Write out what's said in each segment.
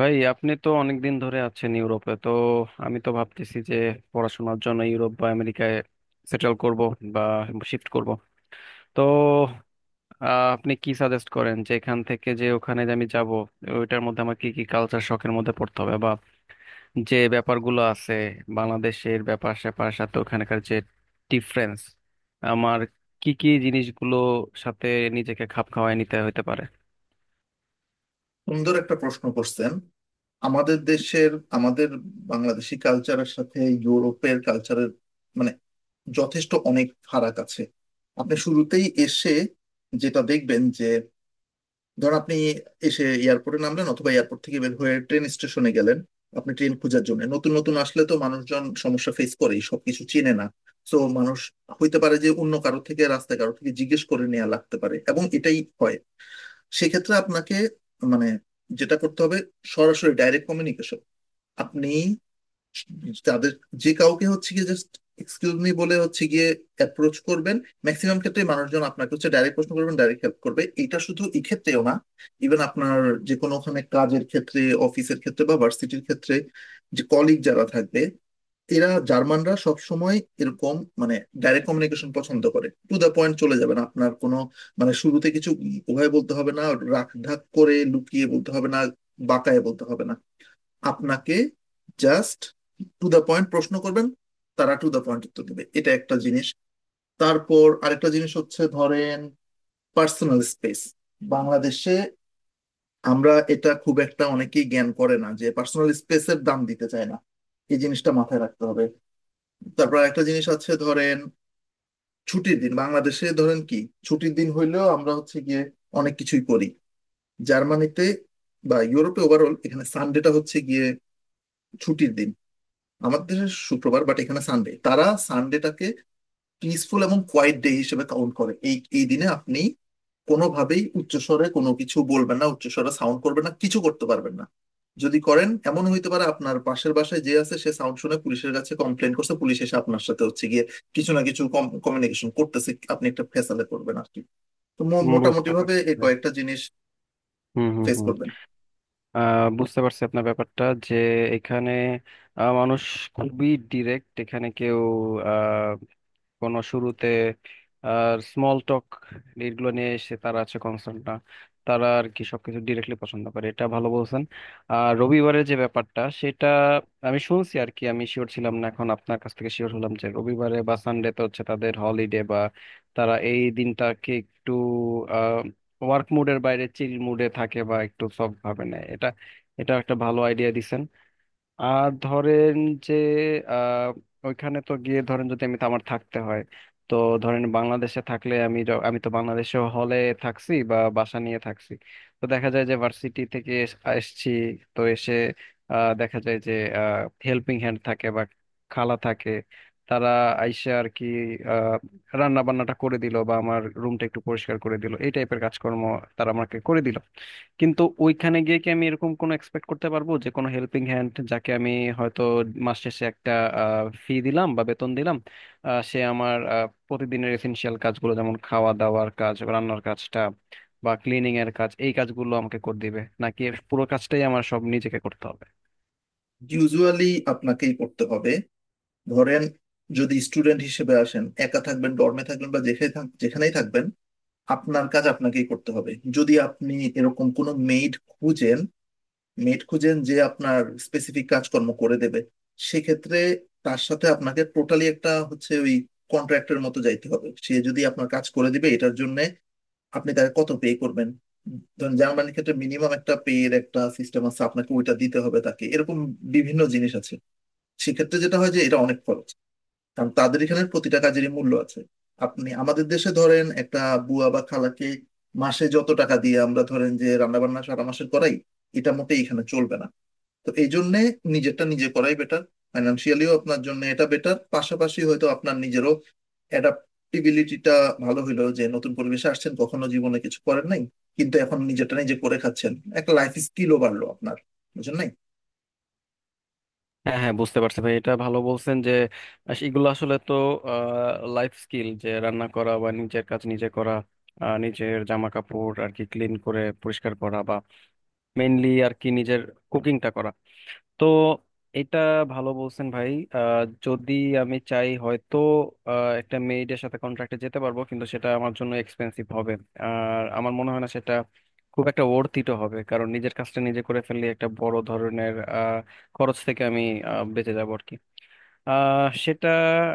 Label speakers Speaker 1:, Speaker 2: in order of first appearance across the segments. Speaker 1: ভাই আপনি তো অনেকদিন ধরে আছেন ইউরোপে। তো আমি তো ভাবতেছি যে পড়াশোনার জন্য ইউরোপ বা আমেরিকায় সেটেল করব বা শিফট করব। তো আপনি কি সাজেস্ট করেন যে এখান থেকে যে ওখানে যে আমি যাব ওইটার মধ্যে আমার কি কি কালচার শখের মধ্যে পড়তে হবে বা যে ব্যাপারগুলো আছে, বাংলাদেশের ব্যাপার স্যাপার সাথে ওখানকার যে ডিফারেন্স, আমার কি কি জিনিসগুলো সাথে নিজেকে খাপ খাওয়ায় নিতে হতে পারে।
Speaker 2: সুন্দর একটা প্রশ্ন করছেন। আমাদের দেশের, আমাদের বাংলাদেশি কালচারের সাথে ইউরোপের কালচারের মানে যথেষ্ট অনেক ফারাক আছে। আপনি শুরুতেই এসে যেটা দেখবেন যে, ধর আপনি এসে এয়ারপোর্টে নামলেন অথবা এয়ারপোর্ট থেকে বের হয়ে ট্রেন স্টেশনে গেলেন। আপনি ট্রেন খোঁজার জন্য, নতুন নতুন আসলে তো মানুষজন সমস্যা ফেস করেই, সবকিছু চেনে না। তো মানুষ হইতে পারে যে অন্য কারো থেকে, রাস্তায় কারো থেকে জিজ্ঞেস করে নেওয়া লাগতে পারে, এবং এটাই হয়। সেক্ষেত্রে আপনাকে মানে যেটা করতে হবে, সরাসরি ডাইরেক্ট কমিউনিকেশন। আপনি তাদের যে কাউকে হচ্ছে গিয়ে জাস্ট এক্সকিউজ মি বলে হচ্ছে গিয়ে অ্যাপ্রোচ করবেন। ম্যাক্সিমাম ক্ষেত্রে মানুষজন আপনাকে হচ্ছে ডাইরেক্ট প্রশ্ন করবেন, ডাইরেক্ট হেল্প করবে। এটা শুধু এক্ষেত্রেও না, ইভেন আপনার যে কোনো ওখানে কাজের ক্ষেত্রে, অফিসের ক্ষেত্রে বা ভার্সিটির ক্ষেত্রে যে কলিগ যারা থাকবে, এরা জার্মানরা সব সময় এরকম মানে ডাইরেক্ট কমিউনিকেশন পছন্দ করে। টু দ্য পয়েন্ট চলে যাবেন, আপনার কোনো মানে শুরুতে কিছু উভয় বলতে হবে না, রাখ ঢাক করে লুকিয়ে বলতে হবে না, বাঁকায়ে বলতে হবে না। আপনাকে জাস্ট টু দ্য পয়েন্ট প্রশ্ন করবেন, তারা টু দ্য পয়েন্ট উত্তর দেবে। এটা একটা জিনিস। তারপর আরেকটা জিনিস হচ্ছে ধরেন, পার্সোনাল স্পেস। বাংলাদেশে আমরা এটা খুব একটা, অনেকেই জ্ঞান করে না, যে পার্সোনাল স্পেসের দাম দিতে চায় না। এই জিনিসটা মাথায় রাখতে হবে। তারপর একটা জিনিস আছে, ধরেন ছুটির দিন। বাংলাদেশে ধরেন কি, ছুটির দিন হইলেও আমরা হচ্ছে গিয়ে অনেক কিছুই করি। জার্মানিতে বা ইউরোপে ওভারঅল এখানে সানডেটা হচ্ছে গিয়ে ছুটির দিন। আমাদের দেশে শুক্রবার, বাট এখানে সানডে। তারা সানডেটাকে পিসফুল এবং কোয়াইট ডে হিসেবে কাউন্ট করে। এই এই দিনে আপনি কোনোভাবেই উচ্চস্বরে কোনো কিছু বলবেন না, উচ্চস্বরে সাউন্ড করবেন না, কিছু করতে পারবেন না। যদি করেন, এমন হইতে পারে আপনার পাশের বাসায় যে আছে সে সাউন্ড শুনে পুলিশের কাছে কমপ্লেন করছে, পুলিশ এসে আপনার সাথে হচ্ছে গিয়ে কিছু না কিছু কমিউনিকেশন করতেছে, আপনি একটা ফেসালে করবেন আর কি। তো মো- মোটামুটি
Speaker 1: বুঝতে
Speaker 2: ভাবে
Speaker 1: পারছি
Speaker 2: এই
Speaker 1: ভাই।
Speaker 2: কয়েকটা জিনিস
Speaker 1: হুম হুম
Speaker 2: ফেস
Speaker 1: হুম।
Speaker 2: করবেন।
Speaker 1: বুঝতে পারছি আপনার ব্যাপারটা, যে এখানে মানুষ খুবই ডিরেক্ট। এখানে কেউ কোনো শুরুতে আর স্মল টক এইগুলো নিয়ে এসে তারা আছে কনসার্ন না, তারা আর কি সবকিছু ডিরেক্টলি পছন্দ করে। এটা ভালো বলছেন। আর রবিবারের যে ব্যাপারটা, সেটা আমি শুনছি আর কি, আমি শিওর ছিলাম না, এখন আপনার কাছ থেকে শিওর হলাম যে রবিবারে বা সানডে তো হচ্ছে তাদের হলিডে, বা তারা এই দিনটাকে একটু আহ ওয়ার্ক মুডের বাইরে চিল মুডে থাকে বা একটু সফট ভাবে নেয় এটা। এটা একটা ভালো আইডিয়া দিছেন। আর ধরেন যে আহ ওইখানে তো গিয়ে ধরেন যদি আমি আমার থাকতে হয়, তো ধরেন বাংলাদেশে থাকলে আমি আমি তো বাংলাদেশে হলে থাকছি বা বাসা নিয়ে থাকছি। তো দেখা যায় যে ভার্সিটি থেকে এসছি, তো এসে দেখা যায় যে হেল্পিং হ্যান্ড থাকে বা খালা থাকে, তারা আইসে আর কি রান্না বান্নাটা করে দিল বা আমার রুমটা একটু পরিষ্কার করে দিল, এই টাইপের কাজকর্ম তারা আমাকে করে দিল। কিন্তু ওইখানে গিয়ে কি আমি এরকম কোনো এক্সপেক্ট করতে পারবো যে কোনো হেল্পিং হ্যান্ড যাকে আমি হয়তো মাস শেষে একটা ফি দিলাম বা বেতন দিলাম, সে আমার প্রতিদিনের এসেনশিয়াল কাজগুলো যেমন খাওয়া দাওয়ার কাজ, রান্নার কাজটা বা ক্লিনিং এর কাজ, এই কাজগুলো আমাকে করে দিবে, নাকি এর পুরো কাজটাই আমার সব নিজেকে করতে হবে।
Speaker 2: ইউজুয়ালি আপনাকেই করতে হবে। ধরেন, যদি স্টুডেন্ট হিসেবে আসেন, একা থাকবেন, ডর্মে থাকবেন বা যেখানেই থাকবেন, আপনার কাজ আপনাকেই করতে হবে। যদি আপনি এরকম কোনো মেইড খুঁজেন মেড খুঁজেন যে আপনার স্পেসিফিক কাজকর্ম করে দেবে, সেক্ষেত্রে তার সাথে আপনাকে টোটালি একটা হচ্ছে ওই কন্ট্রাক্টের মতো যাইতে হবে। সে যদি আপনার কাজ করে দিবে, এটার জন্য আপনি তাকে কত পে করবেন? ধরেন জার্মানির ক্ষেত্রে মিনিমাম একটা পে এর একটা সিস্টেম আছে, আপনাকে ওইটা দিতে হবে তাকে। এরকম বিভিন্ন জিনিস আছে। সেক্ষেত্রে যেটা হয় যে এটা অনেক খরচ, কারণ তাদের এখানে প্রতিটা কাজেরই মূল্য আছে। আপনি আমাদের দেশে ধরেন একটা বুয়া বা খালাকে মাসে যত টাকা দিয়ে আমরা ধরেন যে রান্না বান্না সারা মাসের করাই, এটা মোটেই এখানে চলবে না। তো এই জন্য নিজেরটা নিজে করাই বেটার। ফাইন্যান্সিয়ালিও আপনার জন্য এটা বেটার, পাশাপাশি হয়তো আপনার নিজেরও অ্যাডাপ্টিবিলিটিটা ভালো হইলো, যে নতুন পরিবেশে আসছেন, কখনো জীবনে কিছু করেন নাই, কিন্তু এখন নিজেরটা নিজে করে খাচ্ছেন। একটা লাইফ স্কিলও বাড়লো আপনার, বুঝলেন নাই।
Speaker 1: হ্যাঁ হ্যাঁ, বুঝতে পারছি ভাই। এটা ভালো বলছেন যে এগুলো আসলে তো লাইফ স্কিল, যে রান্না করা বা নিজের কাজ নিজে করা, নিজের জামা কাপড় আর কি ক্লিন করে পরিষ্কার করা, মেইনলি আর কি নিজের কুকিংটা করা। তো এটা ভালো বলছেন ভাই। যদি আমি চাই হয়তো একটা মেইডের সাথে কন্ট্রাক্টে যেতে পারবো, কিন্তু সেটা আমার জন্য এক্সপেন্সিভ হবে। আর আমার মনে হয় না সেটা খুব একটা ওর্থিটও হবে, কারণ নিজের কাজটা নিজে করে ফেললে একটা বড় ধরনের খরচ থেকে আমি বেঁচে যাবো আর কি। সেটা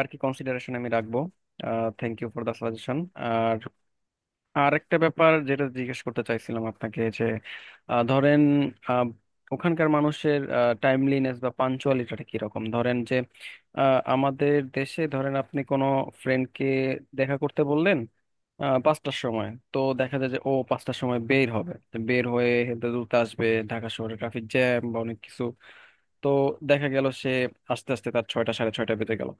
Speaker 1: আর কি কনসিডারেশন আমি রাখবো। Thank you for the suggestion. আর আর একটা ব্যাপার যেটা জিজ্ঞেস করতে চাইছিলাম আপনাকে, যে ধরেন আহ, ওখানকার মানুষের টাইমলিনেস বা পাঞ্চুয়ালিটিটা কিরকম। ধরেন যে আমাদের দেশে ধরেন আপনি কোনো ফ্রেন্ডকে দেখা করতে বললেন পাঁচটার সময়, তো দেখা যায় যে ও পাঁচটার সময় বের হবে, তো বের হয়ে হেলতে দুলতে আসবে, ঢাকা শহরে ট্রাফিক জ্যাম বা অনেক কিছু, তো দেখা গেল সে আস্তে আস্তে তার ছয়টা সাড়ে ছয়টা বেজে গেল।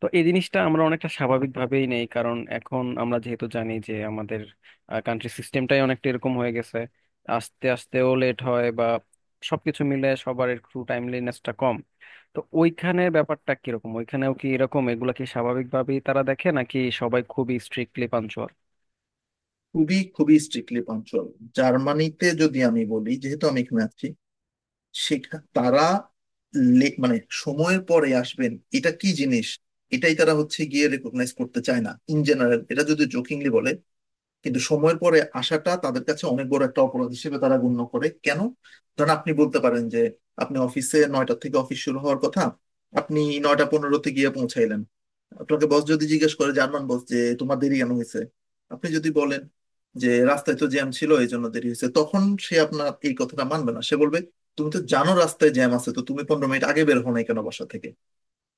Speaker 1: তো এই জিনিসটা আমরা অনেকটা স্বাভাবিকভাবেই নেই, কারণ এখন আমরা যেহেতু জানি যে আমাদের কান্ট্রি সিস্টেমটাই অনেকটা এরকম হয়ে গেছে, আস্তে আস্তেও লেট হয় বা সবকিছু মিলে সবার একটু টাইমলিনেসটা কম। তো ওইখানে ব্যাপারটা কিরকম? ওইখানেও কি এরকম এগুলা কি স্বাভাবিকভাবেই তারা দেখে, নাকি সবাই খুবই স্ট্রিক্টলি পাঞ্চুয়াল?
Speaker 2: খুবই খুবই স্ট্রিক্টলি পাঞ্চুয়াল। জার্মানিতে যদি আমি বলি, যেহেতু আমি এখানে আছি, সেখা তারা মানে সময়ের পরে আসবেন এটা কি জিনিস, এটাই তারা হচ্ছে গিয়ে রেকগনাইজ করতে চায় না, ইন জেনারেল। এটা যদি জোকিংলি বলে কিন্তু সময়ের পরে আসাটা তাদের কাছে অনেক বড় একটা অপরাধ হিসেবে তারা গণ্য করে। কেন? ধরেন আপনি বলতে পারেন যে, আপনি অফিসে 9টা থেকে অফিস শুরু হওয়ার কথা, আপনি 9টা 15-তে গিয়ে পৌঁছাইলেন। আপনাকে বস যদি জিজ্ঞেস করে, জার্মান বস, যে তোমার দেরি কেন হয়েছে? আপনি যদি বলেন যে রাস্তায় তো জ্যাম ছিল এই জন্য দেরি হয়েছে, তখন সে আপনার এই কথাটা মানবে না। সে বলবে, তুমি তো জানো রাস্তায় জ্যাম আছে, তো তুমি 15 মিনিট আগে বের হও নাই কেন বাসা থেকে?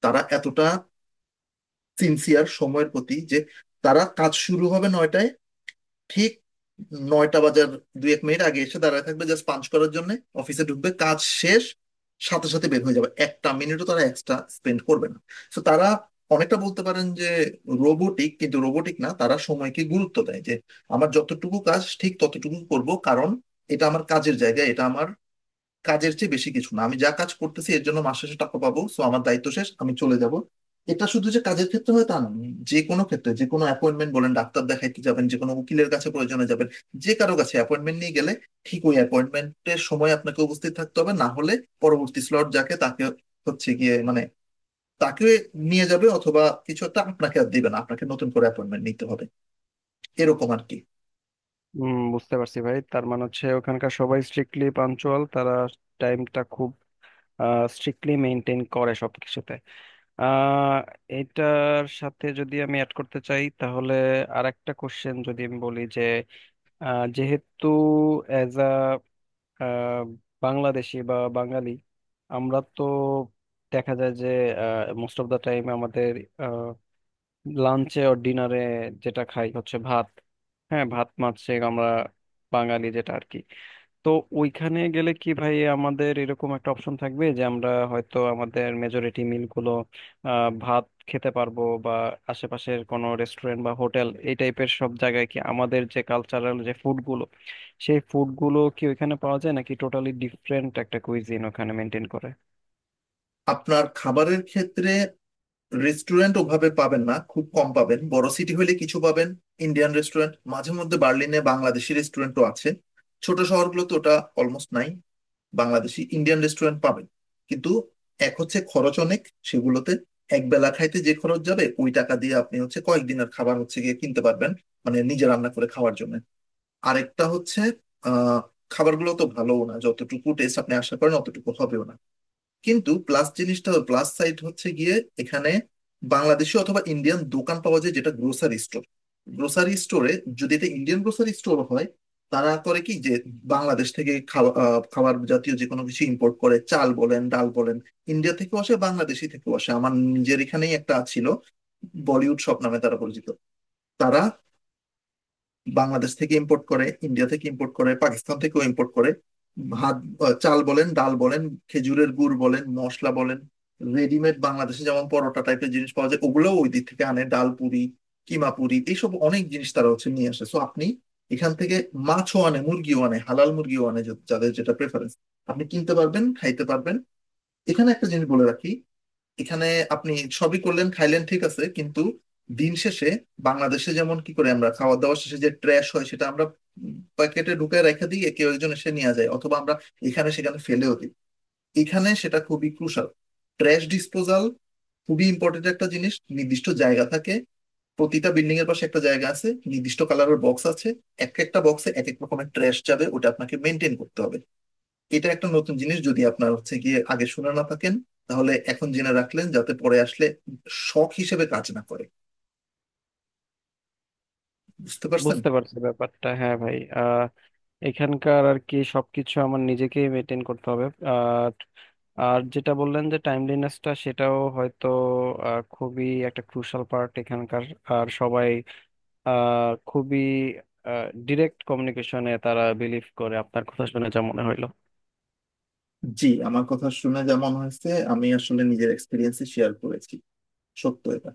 Speaker 2: তারা এতটা সিনসিয়ার সময়ের প্রতি যে, তারা কাজ শুরু হবে 9টায়, ঠিক 9টা বাজার দুই এক মিনিট আগে এসে দাঁড়ায় থাকবে, জাস্ট পাঞ্চ করার জন্য। অফিসে ঢুকবে, কাজ শেষ, সাথে সাথে বের হয়ে যাবে, একটা মিনিটও তারা এক্সট্রা স্পেন্ড করবে না। তো তারা অনেকটা বলতে পারেন যে রোবোটিক, কিন্তু রোবোটিক না, তারা সময়কে গুরুত্ব দেয়, যে আমার যতটুকু কাজ ঠিক ততটুকু করব। কারণ এটা আমার কাজের জায়গা, এটা আমার কাজের চেয়ে বেশি কিছু না। আমি যা কাজ করতেছি এর জন্য মাস শেষে টাকা পাবো, সো আমার দায়িত্ব শেষ, আমি চলে যাব। এটা শুধু যে কাজের ক্ষেত্রে হয় তা না, যে কোনো ক্ষেত্রে যে কোনো অ্যাপয়েন্টমেন্ট বলেন, ডাক্তার দেখাইতে যাবেন, যে কোনো উকিলের কাছে প্রয়োজনে যাবেন, যে কারো কাছে অ্যাপয়েন্টমেন্ট নিয়ে গেলে ঠিক ওই অ্যাপয়েন্টমেন্টের সময় আপনাকে উপস্থিত থাকতে হবে। না হলে পরবর্তী স্লট যাকে তাকে হচ্ছে গিয়ে মানে তাকে নিয়ে যাবে, অথবা কিছু একটা আপনাকে আর দিবে না, আপনাকে নতুন করে অ্যাপয়েন্টমেন্ট নিতে হবে। এরকম আর কি।
Speaker 1: হুম, বুঝতে পারছি ভাই। তার মানে হচ্ছে ওখানকার সবাই স্ট্রিক্টলি পাঞ্চুয়াল, তারা টাইমটা খুব স্ট্রিক্টলি মেনটেন করে সবকিছুতে। আহ এটার সাথে যদি আমি অ্যাড করতে চাই, তাহলে আর একটা কোশ্চেন যদি আমি বলি যে যেহেতু অ্যাজ আ বাংলাদেশি বা বাঙালি, আমরা তো দেখা যায় যে মোস্ট অফ দা টাইম আমাদের লাঞ্চে ও ডিনারে যেটা খাই হচ্ছে ভাত। হ্যাঁ, ভাত মাছ সে আমরা বাঙালি, যেটা আর কি। তো ওইখানে গেলে কি ভাই আমাদের এরকম একটা অপশন থাকবে যে আমরা হয়তো আমাদের মেজরিটি মিলগুলো ভাত খেতে পারবো, বা আশেপাশের কোনো রেস্টুরেন্ট বা হোটেল এই টাইপের সব জায়গায় কি আমাদের যে কালচারাল যে ফুডগুলো, সেই ফুডগুলো কি ওইখানে পাওয়া যায়, নাকি টোটালি ডিফারেন্ট একটা কুইজিন ওখানে মেনটেন করে?
Speaker 2: আপনার খাবারের ক্ষেত্রে, রেস্টুরেন্ট ওভাবে পাবেন না, খুব কম পাবেন। বড় সিটি হলে কিছু পাবেন, ইন্ডিয়ান রেস্টুরেন্ট। মাঝে মধ্যে বার্লিনে বাংলাদেশি রেস্টুরেন্টও আছে। ছোট শহরগুলোতে ওটা অলমোস্ট নাই, বাংলাদেশি ইন্ডিয়ান রেস্টুরেন্ট পাবেন। কিন্তু এক হচ্ছে খরচ অনেক সেগুলোতে, এক বেলা খাইতে যে খরচ যাবে ওই টাকা দিয়ে আপনি হচ্ছে কয়েকদিনের খাবার হচ্ছে গিয়ে কিনতে পারবেন, মানে নিজে রান্না করে খাওয়ার জন্য। আরেকটা হচ্ছে আহ খাবারগুলো তো ভালোও না, যতটুকু টেস্ট আপনি আশা করেন অতটুকু হবেও না। কিন্তু প্লাস জিনিসটা, প্লাস সাইড হচ্ছে গিয়ে, এখানে বাংলাদেশি অথবা ইন্ডিয়ান দোকান পাওয়া যায়, যেটা গ্রোসারি স্টোর। গ্রোসারি স্টোরে, যদি এটা ইন্ডিয়ান গ্রোসারি স্টোর হয়, তারা করে কি যে বাংলাদেশ থেকে খাবার জাতীয় যে কোনো কিছু ইম্পোর্ট করে। চাল বলেন, ডাল বলেন, ইন্ডিয়া থেকেও আসে, বাংলাদেশি থেকেও আসে। আমার নিজের এখানেই একটা ছিল, বলিউড শপ নামে তারা পরিচিত। তারা বাংলাদেশ থেকে ইম্পোর্ট করে, ইন্ডিয়া থেকে ইম্পোর্ট করে, পাকিস্তান থেকেও ইম্পোর্ট করে। ভাত, চাল বলেন, ডাল বলেন, খেজুরের গুড় বলেন, মশলা বলেন, রেডিমেড বাংলাদেশে যেমন পরোটা টাইপের জিনিস পাওয়া যায় ওগুলোও ওই দিক থেকে আনে, ডাল পুরি, কিমা পুরি, এইসব অনেক জিনিস তারা হচ্ছে নিয়ে আসে। সো আপনি এখান থেকে, মাছও আনে, মুরগিও আনে, হালাল মুরগিও আনে, যাদের যেটা প্রেফারেন্স, আপনি কিনতে পারবেন, খাইতে পারবেন। এখানে একটা জিনিস বলে রাখি, এখানে আপনি সবই করলেন, খাইলেন, ঠিক আছে। কিন্তু দিন শেষে, বাংলাদেশে যেমন কি করে আমরা খাওয়া দাওয়া শেষে যে ট্র্যাশ হয় সেটা আমরা প্যাকেটে ঢুকে রেখে দিয়ে কেউ একজন এসে নিয়ে যায়, অথবা আমরা এখানে সেখানে ফেলেও দিই। এখানে সেটা খুবই ক্রুশাল, ট্র্যাশ ডিসপোজাল, খুবই ইম্পর্টেন্ট একটা জিনিস। নির্দিষ্ট জায়গা থাকে, প্রতিটা বিল্ডিং এর পাশে একটা জায়গা আছে, নির্দিষ্ট কালারের বক্স আছে, এক একটা বক্সে এক এক রকমের ট্র্যাশ যাবে, ওটা আপনাকে মেনটেন করতে হবে। এটা একটা নতুন জিনিস, যদি আপনার হচ্ছে গিয়ে আগে শুনে না থাকেন, তাহলে এখন জেনে রাখলেন, যাতে পরে আসলে শখ হিসেবে কাজ না করে। বুঝতে পারছেন।
Speaker 1: বুঝতে পারছি ব্যাপারটা, হ্যাঁ ভাই। এখানকার আর কি সবকিছু আমার নিজেকেই মেনটেন করতে হবে। আর আর যেটা বললেন যে টাইমলিনেসটা, সেটাও হয়তো খুবই একটা ক্রুশাল পার্ট এখানকার। আর সবাই খুবই ডিরেক্ট কমিউনিকেশনে তারা বিলিভ করে। আপনার কথা শুনে যা মনে হইলো।
Speaker 2: জি, আমার কথা শুনে যেমন হয়েছে, আমি আসলে নিজের এক্সপিরিয়েন্স শেয়ার করেছি। সত্য এটা।